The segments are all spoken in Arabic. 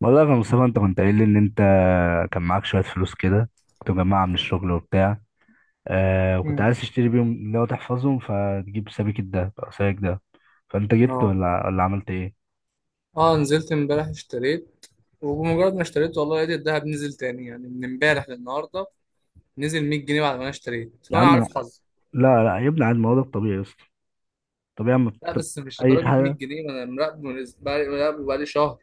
والله يا مصطفى، انت كنت قايل لي ان انت كان معاك شويه فلوس كده، كنت مجمعها من الشغل وبتاع. آه وكنت مم. عايز تشتري بيهم اللي هو تحفظهم، فتجيب سبيك الدهب او سبيك ده. فانت جبت اه ولا عملت ايه؟ اه نزلت امبارح اشتريت. وبمجرد ما اشتريت والله لقيت الدهب نزل تاني، يعني من امبارح للنهارده نزل 100 جنيه بعد ما انا اشتريت، يا فانا عم، عارف حظي. لا لا يا ابني عاد، ما هو ده الطبيعي يا اسطى. طبيعي اما لا بتكتب بس مش اي لدرجه حاجه، 100 جنيه، ما انا مراقبه بقالي مراقبه بقالي شهر.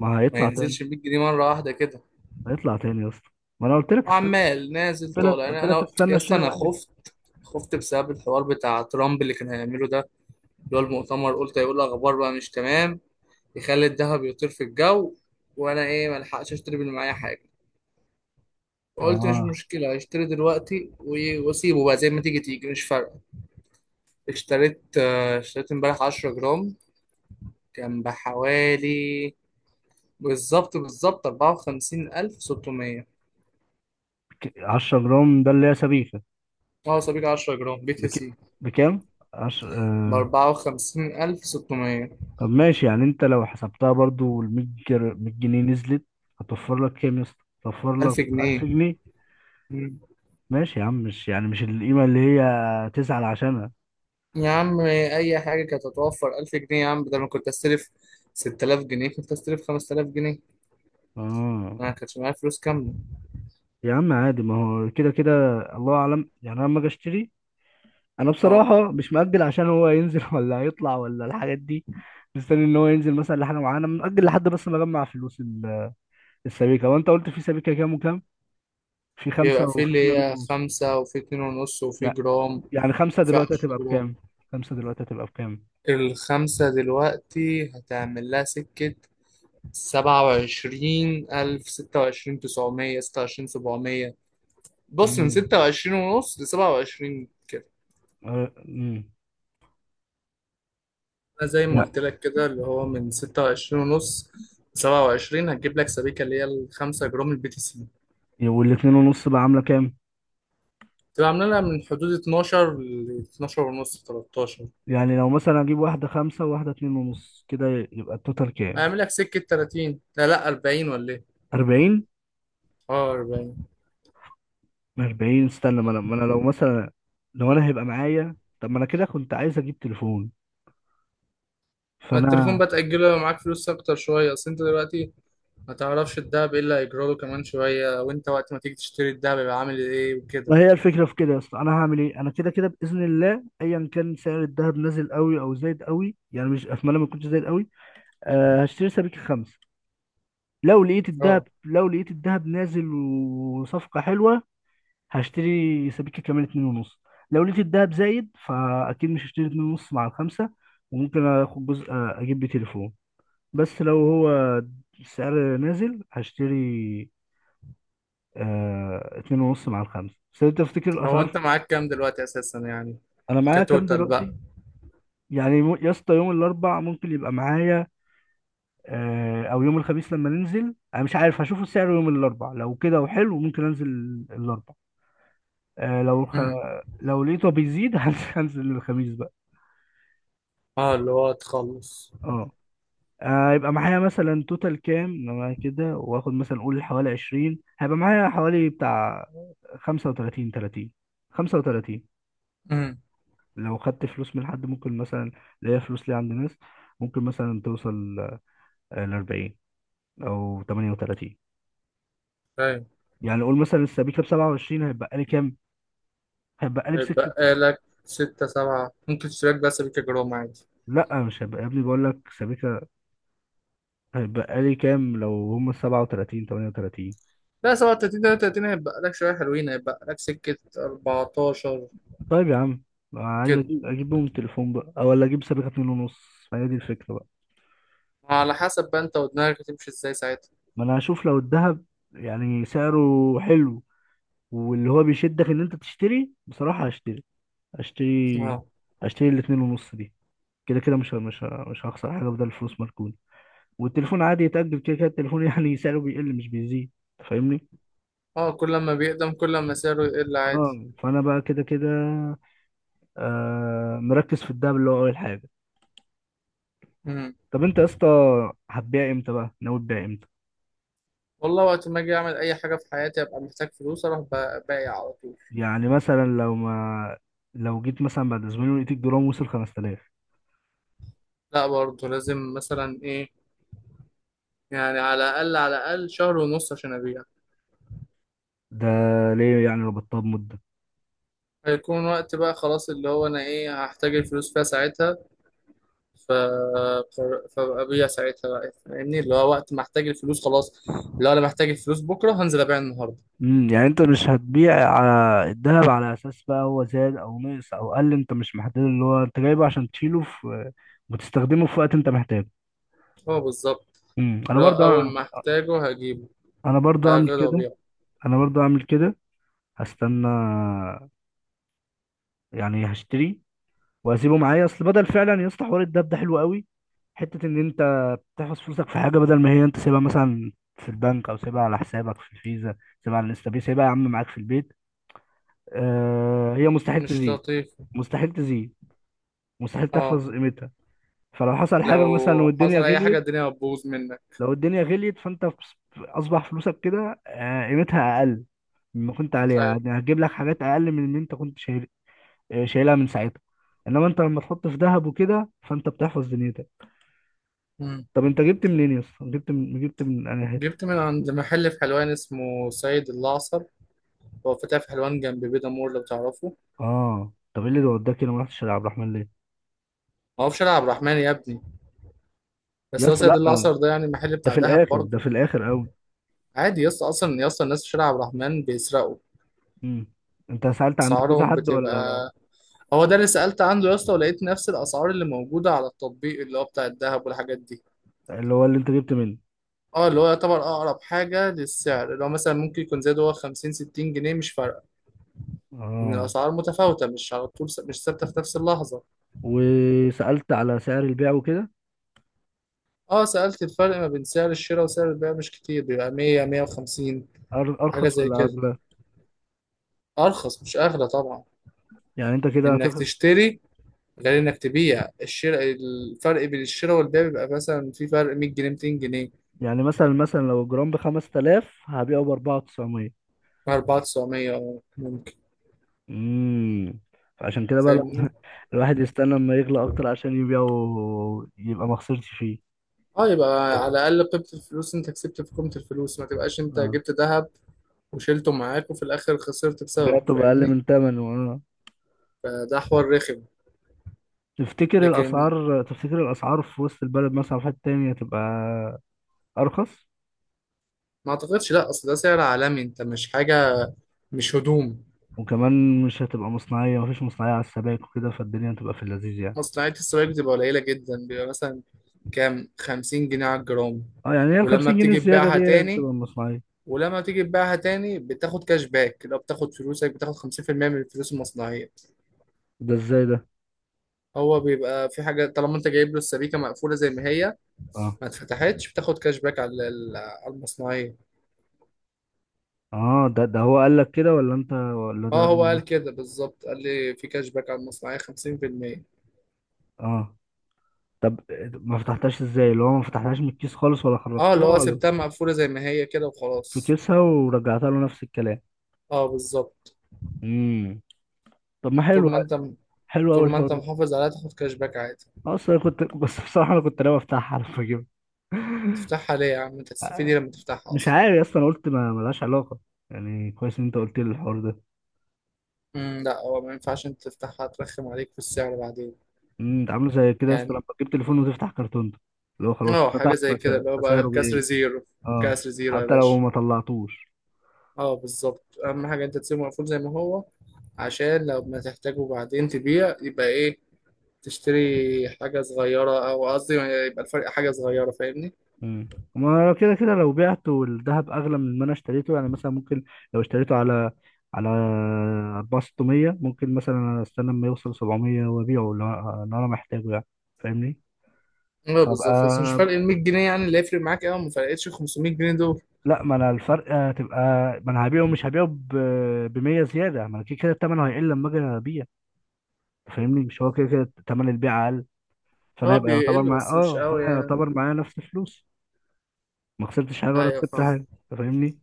ما ما هيطلع تاني. ينزلش 100 جنيه مره واحده كده، هيطلع تاني يا اسطى، ما انا قلت لك استنى. وعمال نازل قلت طالع. لك قلت يعني لك انا استنى يا اسطى اشتري انا معايا. خفت. خفت بسبب الحوار بتاع ترامب اللي كان هيعمله ده، اللي هو المؤتمر، قلت هيقول اخبار بقى مش تمام، يخلي الدهب يطير في الجو. وانا ايه، ما الحقش اشتري من معايا حاجه. قلت مش اه، مشكلة، هشتري دلوقتي واسيبه بقى زي ما تيجي تيجي، مش فارقة. اشتريت، آه، اشتريت امبارح 10 جرام. كان بحوالي، بالظبط بالظبط 54,600. 10 جرام ده اللي هي سبيكه. اه، صبيك 10 جرام بي تي بك... سي. بكام 10؟ بأربعة وخمسين ألف ستمية. طب ماشي، يعني انت لو حسبتها برضو ال 100 100 جنيه نزلت، هتوفر لك كام يا اسطى؟ هتوفر لك ألف 1000 جنيه جنيه مم. ماشي يا عم، مش يعني مش القيمة اللي هي تزعل عشانها. يا عم، أي حاجة كانت هتوفر 1000 جنيه يا عم، بدل ما كنت أستلف 6000 جنيه، كنت أستلف 5000 جنيه. اه أنا كانش معايا فلوس كاملة. يا عم عادي، ما هو كده كده الله اعلم. يعني انا لما اجي اشتري، انا اه، بصراحة مش مأجل عشان هو ينزل ولا هيطلع ولا الحاجات دي. مستني ان هو ينزل مثلا لحاجة معينة، مأجل لحد بس ما اجمع فلوس السبيكة. وانت قلت في سبيكة كام وكام؟ في بيبقى خمسة في وفي اللي اتنين هي ونص. خمسة وفي اتنين ونص وفي يعني جرام. يعني خمسة وفيها دلوقتي 10 هتبقى جرام. بكام؟ خمسة دلوقتي هتبقى بكام؟ الخمسة دلوقتي هتعمل لها سكة 27,000، 26,900، 26,700. بص من امم، ستة وعشرين ونص لسبعة وعشرين كده. آه، امم، أنا زي ما يعني. قلت لك كده، اللي هو من ستة وعشرين ونص لسبعة وعشرين هتجيب لك سبيكة اللي هي الخمسة جرام البي تي سي. والاتنين ونص بقى عاملة كام؟ تبقى عاملة لها من حدود اتناشر لاتناشر ونص تلاتاشر. يعني لو مثلا أجيب واحدة خمسة وواحدة اتنين ونص كده، يبقى التوتال كام؟ هيعمل لك سكة 30، لا لا 40، ولا إيه؟ أربعين؟ اه 40. أربعين، استنى. ما أنا لو مثلا، لو أنا هيبقى معايا. طب ما أنا كده كنت عايز أجيب تليفون، ما التليفون فأنا. بقى تأجله لو معاك فلوس أكتر شوية. أصل أنت دلوقتي ما تعرفش الدهب ايه اللي هيجرى له كمان شوية، وانت وقت ما تيجي تشتري الدهب يبقى عامل ايه وكده. ما هي الفكرة في كده يا اسطى، أنا هعمل إيه؟ أنا كده كده بإذن الله، أيا كان سعر الذهب نازل قوي أو زايد قوي. يعني مش أتمنى ما يكونش زايد قوي. أه هشتري سبيكة خمسة. لو لقيت الذهب اه، لو لقيت الذهب نازل وصفقة حلوة، هشتري سبيكة كمان اتنين ونص. لو لقيت الدهب زايد، فأكيد مش هشتري اتنين ونص مع الخمسة، وممكن آخد جزء آه، أجيب بيه تليفون. بس لو هو السعر نازل، هشتري آه اتنين ونص مع الخمسة. بس أنت تفتكر هو انت الأسعار. معاك كام دلوقتي اساسا يعني؟ أنا معايا كام كتوتال دلوقتي؟ بقى. يعني يا اسطى يوم الأربع ممكن يبقى معايا آه، أو يوم الخميس لما ننزل. أنا مش عارف، هشوف السعر يوم الأربع، لو كده وحلو ممكن أنزل الأربع. آه امم. لو لقيته بيزيد هنزل الخميس بقى. اه. اللي هو تخلص. اه، آه، هيبقى معايا مثلا توتال كام لما كده واخد مثلا، قول حوالي 20، هيبقى معايا حوالي بتاع 35، 30، 35. امم. لو خدت فلوس من حد ممكن مثلا، اللي هي فلوس لي عند ناس، ممكن مثلا توصل ل 40 او 38. فاهم. يعني قول مثلا السبيكه ب 27، هيبقى لي كام؟ هيبقى لي بسكه. هيتبقى لك ستة سبعة، ممكن تشتري لك بقى سبيكة جرام عادي. لا مش هيبقى يا ابني، بقول لك سبيكه. هيبقى لي كام لو هم 37، 38؟ لا، 37 33 هيتبقى لك شوية حلوين، هيتبقى لك سكة 14 طيب يا عم، عايز كده. اجيب بهم التليفون بقى او ولا اجيب سابقة اتنين ونص، فهي دي الفكرة بقى. على حسب بقى انت ودماغك هتمشي ازاي ساعتها. ما انا هشوف لو الذهب يعني سعره حلو، واللي هو بيشدك ان انت تشتري، بصراحة هشتري. هشتري اه. هشتري الاتنين ونص دي. كده كده مش هخسر حاجة بدل الفلوس مركونة. والتليفون عادي يتأجل، كده كده التليفون يعني سعره بيقل مش بيزيد. أنت فاهمني. اه، كل ما بيقدم كل ما سعره يقل عادي. اه فانا بقى كده كده آه مركز في الدهب اللي هو اول حاجة. امم. طب انت يا اسطى هتبيع امتى بقى؟ ناوي تبيع امتى؟ والله، وقت ما اجي اعمل اي حاجه في حياتي ابقى محتاج فلوس اروح بايع على طول. يعني مثلا لو ما لو جيت مثلا بعد اسبوعين ولقيت الجرام وصل 5000؟ لا برضه لازم مثلا ايه، يعني على الاقل على الاقل شهر ونص عشان ابيع. ده ليه يعني ربطتها بمدة؟ هيكون وقت بقى خلاص اللي هو انا ايه هحتاج الفلوس فيها ساعتها، ف فابقى ابيع ساعتها بقى فاهمني، اللي هو وقت ما احتاج الفلوس خلاص. لو انا محتاج الفلوس بكره هنزل ابيع النهارده. امم، يعني انت مش هتبيع على الذهب على اساس بقى هو زاد او نقص او قل. انت مش محدد، اللي هو انت جايبه عشان تشيله في وتستخدمه في وقت انت محتاجه. هو بالظبط. امم. انا اللي هو برضه اول ما احتاجه هجيبه، انا برضه اعمل هاخده كده وابيعه. انا برضه اعمل كده. هستنى، يعني هشتري واسيبه معايا اصل بدل فعلا. يا اسطى حوار الدب ده حلو قوي، حته ان انت بتحفظ فلوسك في حاجه، بدل ما هي انت سيبها مثلا في البنك او سيبها على حسابك في الفيزا، سيبها على الانستا باي، سيبها يا عم معاك في البيت. آه، هي مستحيل مش تزيد. لطيف. مستحيل تزيد، مستحيل اه، تحفظ قيمتها. فلو حصل حاجه مثلا لو والدنيا حصل اي حاجه غليت، الدنيا هتبوظ منك. لو الدنيا غليت فانت اصبح فلوسك كده آه قيمتها اقل مما كنت عليها. يعني هتجيب لك حاجات اقل من اللي انت كنت شايل آه، شايلها من ساعتها. انما انت لما تحط في ذهب وكده، فانت بتحفظ دنيتك. أيوة. طب انت جبت منين يا اسطى؟ جبت من انا حته. جبت من عند محل في حلوان اسمه سيد الأعصر. هو فتح في حلوان جنب بيدا مور لو تعرفه. اه طب ايه اللي وداك هنا؟ ما رحتش على عبد الرحمن ليه؟ ما هو في شارع عبد الرحمن يا ابني، يا بس هو اسطى سيد لا، الأعصر ده يعني محل ده بتاع في دهب الاخر ده برضه. في الاخر قوي. عادي يا اسطى، أصلا يا اسطى الناس في شارع عبد الرحمن بيسرقوا. امم، انت سالت عند كذا أسعارهم حد ولا؟ بتبقى، هو ده اللي سألت عنده يا اسطى، ولقيت نفس الأسعار اللي موجودة على التطبيق اللي هو بتاع الدهب والحاجات دي. اللي هو اللي انت جبت منه. اه، اللي هو يعتبر أقرب حاجة للسعر، اللي هو مثلا ممكن يكون زاد هو 50 60 جنيه، مش فارقة. إن اه، الأسعار متفاوتة، مش على طول س- مش ثابتة في نفس اللحظة. وسالت على سعر البيع وكده؟ اه، سألت الفرق ما بين سعر الشراء وسعر البيع مش كتير، بيبقى 100 150. حاجة ارخص زي ولا كده. اغلى؟ أرخص مش أغلى طبعا. يعني انت كده إنك هتخ... تشتري غير إنك تبيع، الشراء، الفرق بين الشراء والبيع بيبقى مثلا في فرق 100 جنيه 200 جنيه. يعني مثلا لو الجرام ب 5000، هبيعه ب 4900؟ 4900 ممكن. امم، فعشان كده بقى فاهمني. الواحد يستنى لما يغلى اكتر عشان يبيعه، يبقى ما خسرش فيه. اه، يبقى على الأقل قيمة الفلوس أنت كسبت في قيمة الفلوس، ما تبقاش أنت آه، جبت ذهب وشيلته معاك وفي الآخر خسرت بسببه. بعته بأقل فاهمني. من تمنه. اه، فده حوار رخم. تفتكر لكن الأسعار تفتكر الأسعار في وسط البلد مثلا في حتة تانية هتبقى أرخص؟ ما أعتقدش، لأ، أصل ده سعر عالمي، أنت مش حاجة، مش هدوم. وكمان مش هتبقى مصنعية، مفيش مصنعية على السبائك وكده، فالدنيا هتبقى في اللذيذ يعني. مصنعية السلايك بتبقى قليلة جدا، بيبقى مثلا كام، 50 جنيه على الجرام. اه، يعني هي ولما الخمسين جنيه بتيجي الزيادة دي تبيعها هي اللي تاني، بتبقى مصنعية. بتاخد كاش باك، لو بتاخد فلوسك بتاخد 50% من الفلوس المصنعية. ده ازاي ده؟ هو بيبقى في حاجة طالما انت جايب له السبيكة مقفولة زي ما هي، اه، ما اتفتحتش بتاخد كاش باك على المصنعية. اه ده هو قال لك كده، ولا انت، ولا ده اه، هو هو اللي... قال كده بالظبط، قال لي في كاش باك على المصنعية 50%. اه، طب ما فتحتهاش ازاي؟ اللي هو ما فتحتهاش من الكيس خالص ولا اه، اللي خرجتها هو ولا؟ سبتها مقفولة زي ما هي كده في وخلاص. كيسها ورجعتها له نفس الكلام. اه بالظبط. امم، طب ما طول حلو، ما انت حلو قوي طول ما انت الحوار. محافظ عليها تاخد كاش باك عادي. اصلا كنت بس بصراحه انا كنت ناوي افتحها على فكره. تفتحها ليه يا عم؟ انت هتستفيدي لما تفتحها مش اصلا؟ عارف يا اسطى، انا قلت ما ملهاش علاقه، يعني كويس ان انت قلت لي الحوار ده. امم. لا، هو ما ينفعش انت تفتحها، ترخم عليك في السعر بعدين. امم. انت عامله زي كده يا اسطى يعني، لما تجيب تليفون وتفتح كرتون ده، اللي هو خلاص اه، حاجه فتح زي كده، اللي هو بقى فسعره كسر بيقل. زيرو. اه، كسر زيرو يا حتى لو باشا. ما طلعتوش. اه بالظبط، اهم حاجه انت تسيبه مقفول زي ما هو، عشان لو ما تحتاجه بعدين تبيع يبقى ايه، تشتري حاجه صغيره. او قصدي يبقى الفرق حاجه صغيره فاهمني. امم. ما لو كده كده لو بعته والذهب اغلى من ما انا اشتريته، يعني مثلا ممكن لو اشتريته على 4600، ممكن مثلا استنى لما يوصل 700 وابيعه، لو انا محتاجه يعني، فاهمني؟ اه بالظبط، بس مش فرق فبقى ال 100 جنيه يعني اللي يفرق معاك قوي، ما فرقتش 500 جنيه دول. لا، ما انا الفرق هتبقى، ما انا هبيعه مش هبيعه ب 100 زياده. ما انا كده كده الثمن هيقل لما اجي ابيع، فاهمني؟ مش هو كده كده ثمن البيع اقل؟ فانا اه هيبقى يعتبر بيقل معايا، بس مش اه قوي فانا يعني. يعتبر معايا نفس فلوس. ما خسرتش حاجه ولا ايوه كسبت فاهم. حاجه. أنت فاهمني.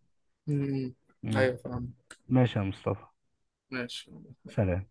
امم. مم. ايوه فاهم. ماشي يا مصطفى. ماشي. سلام.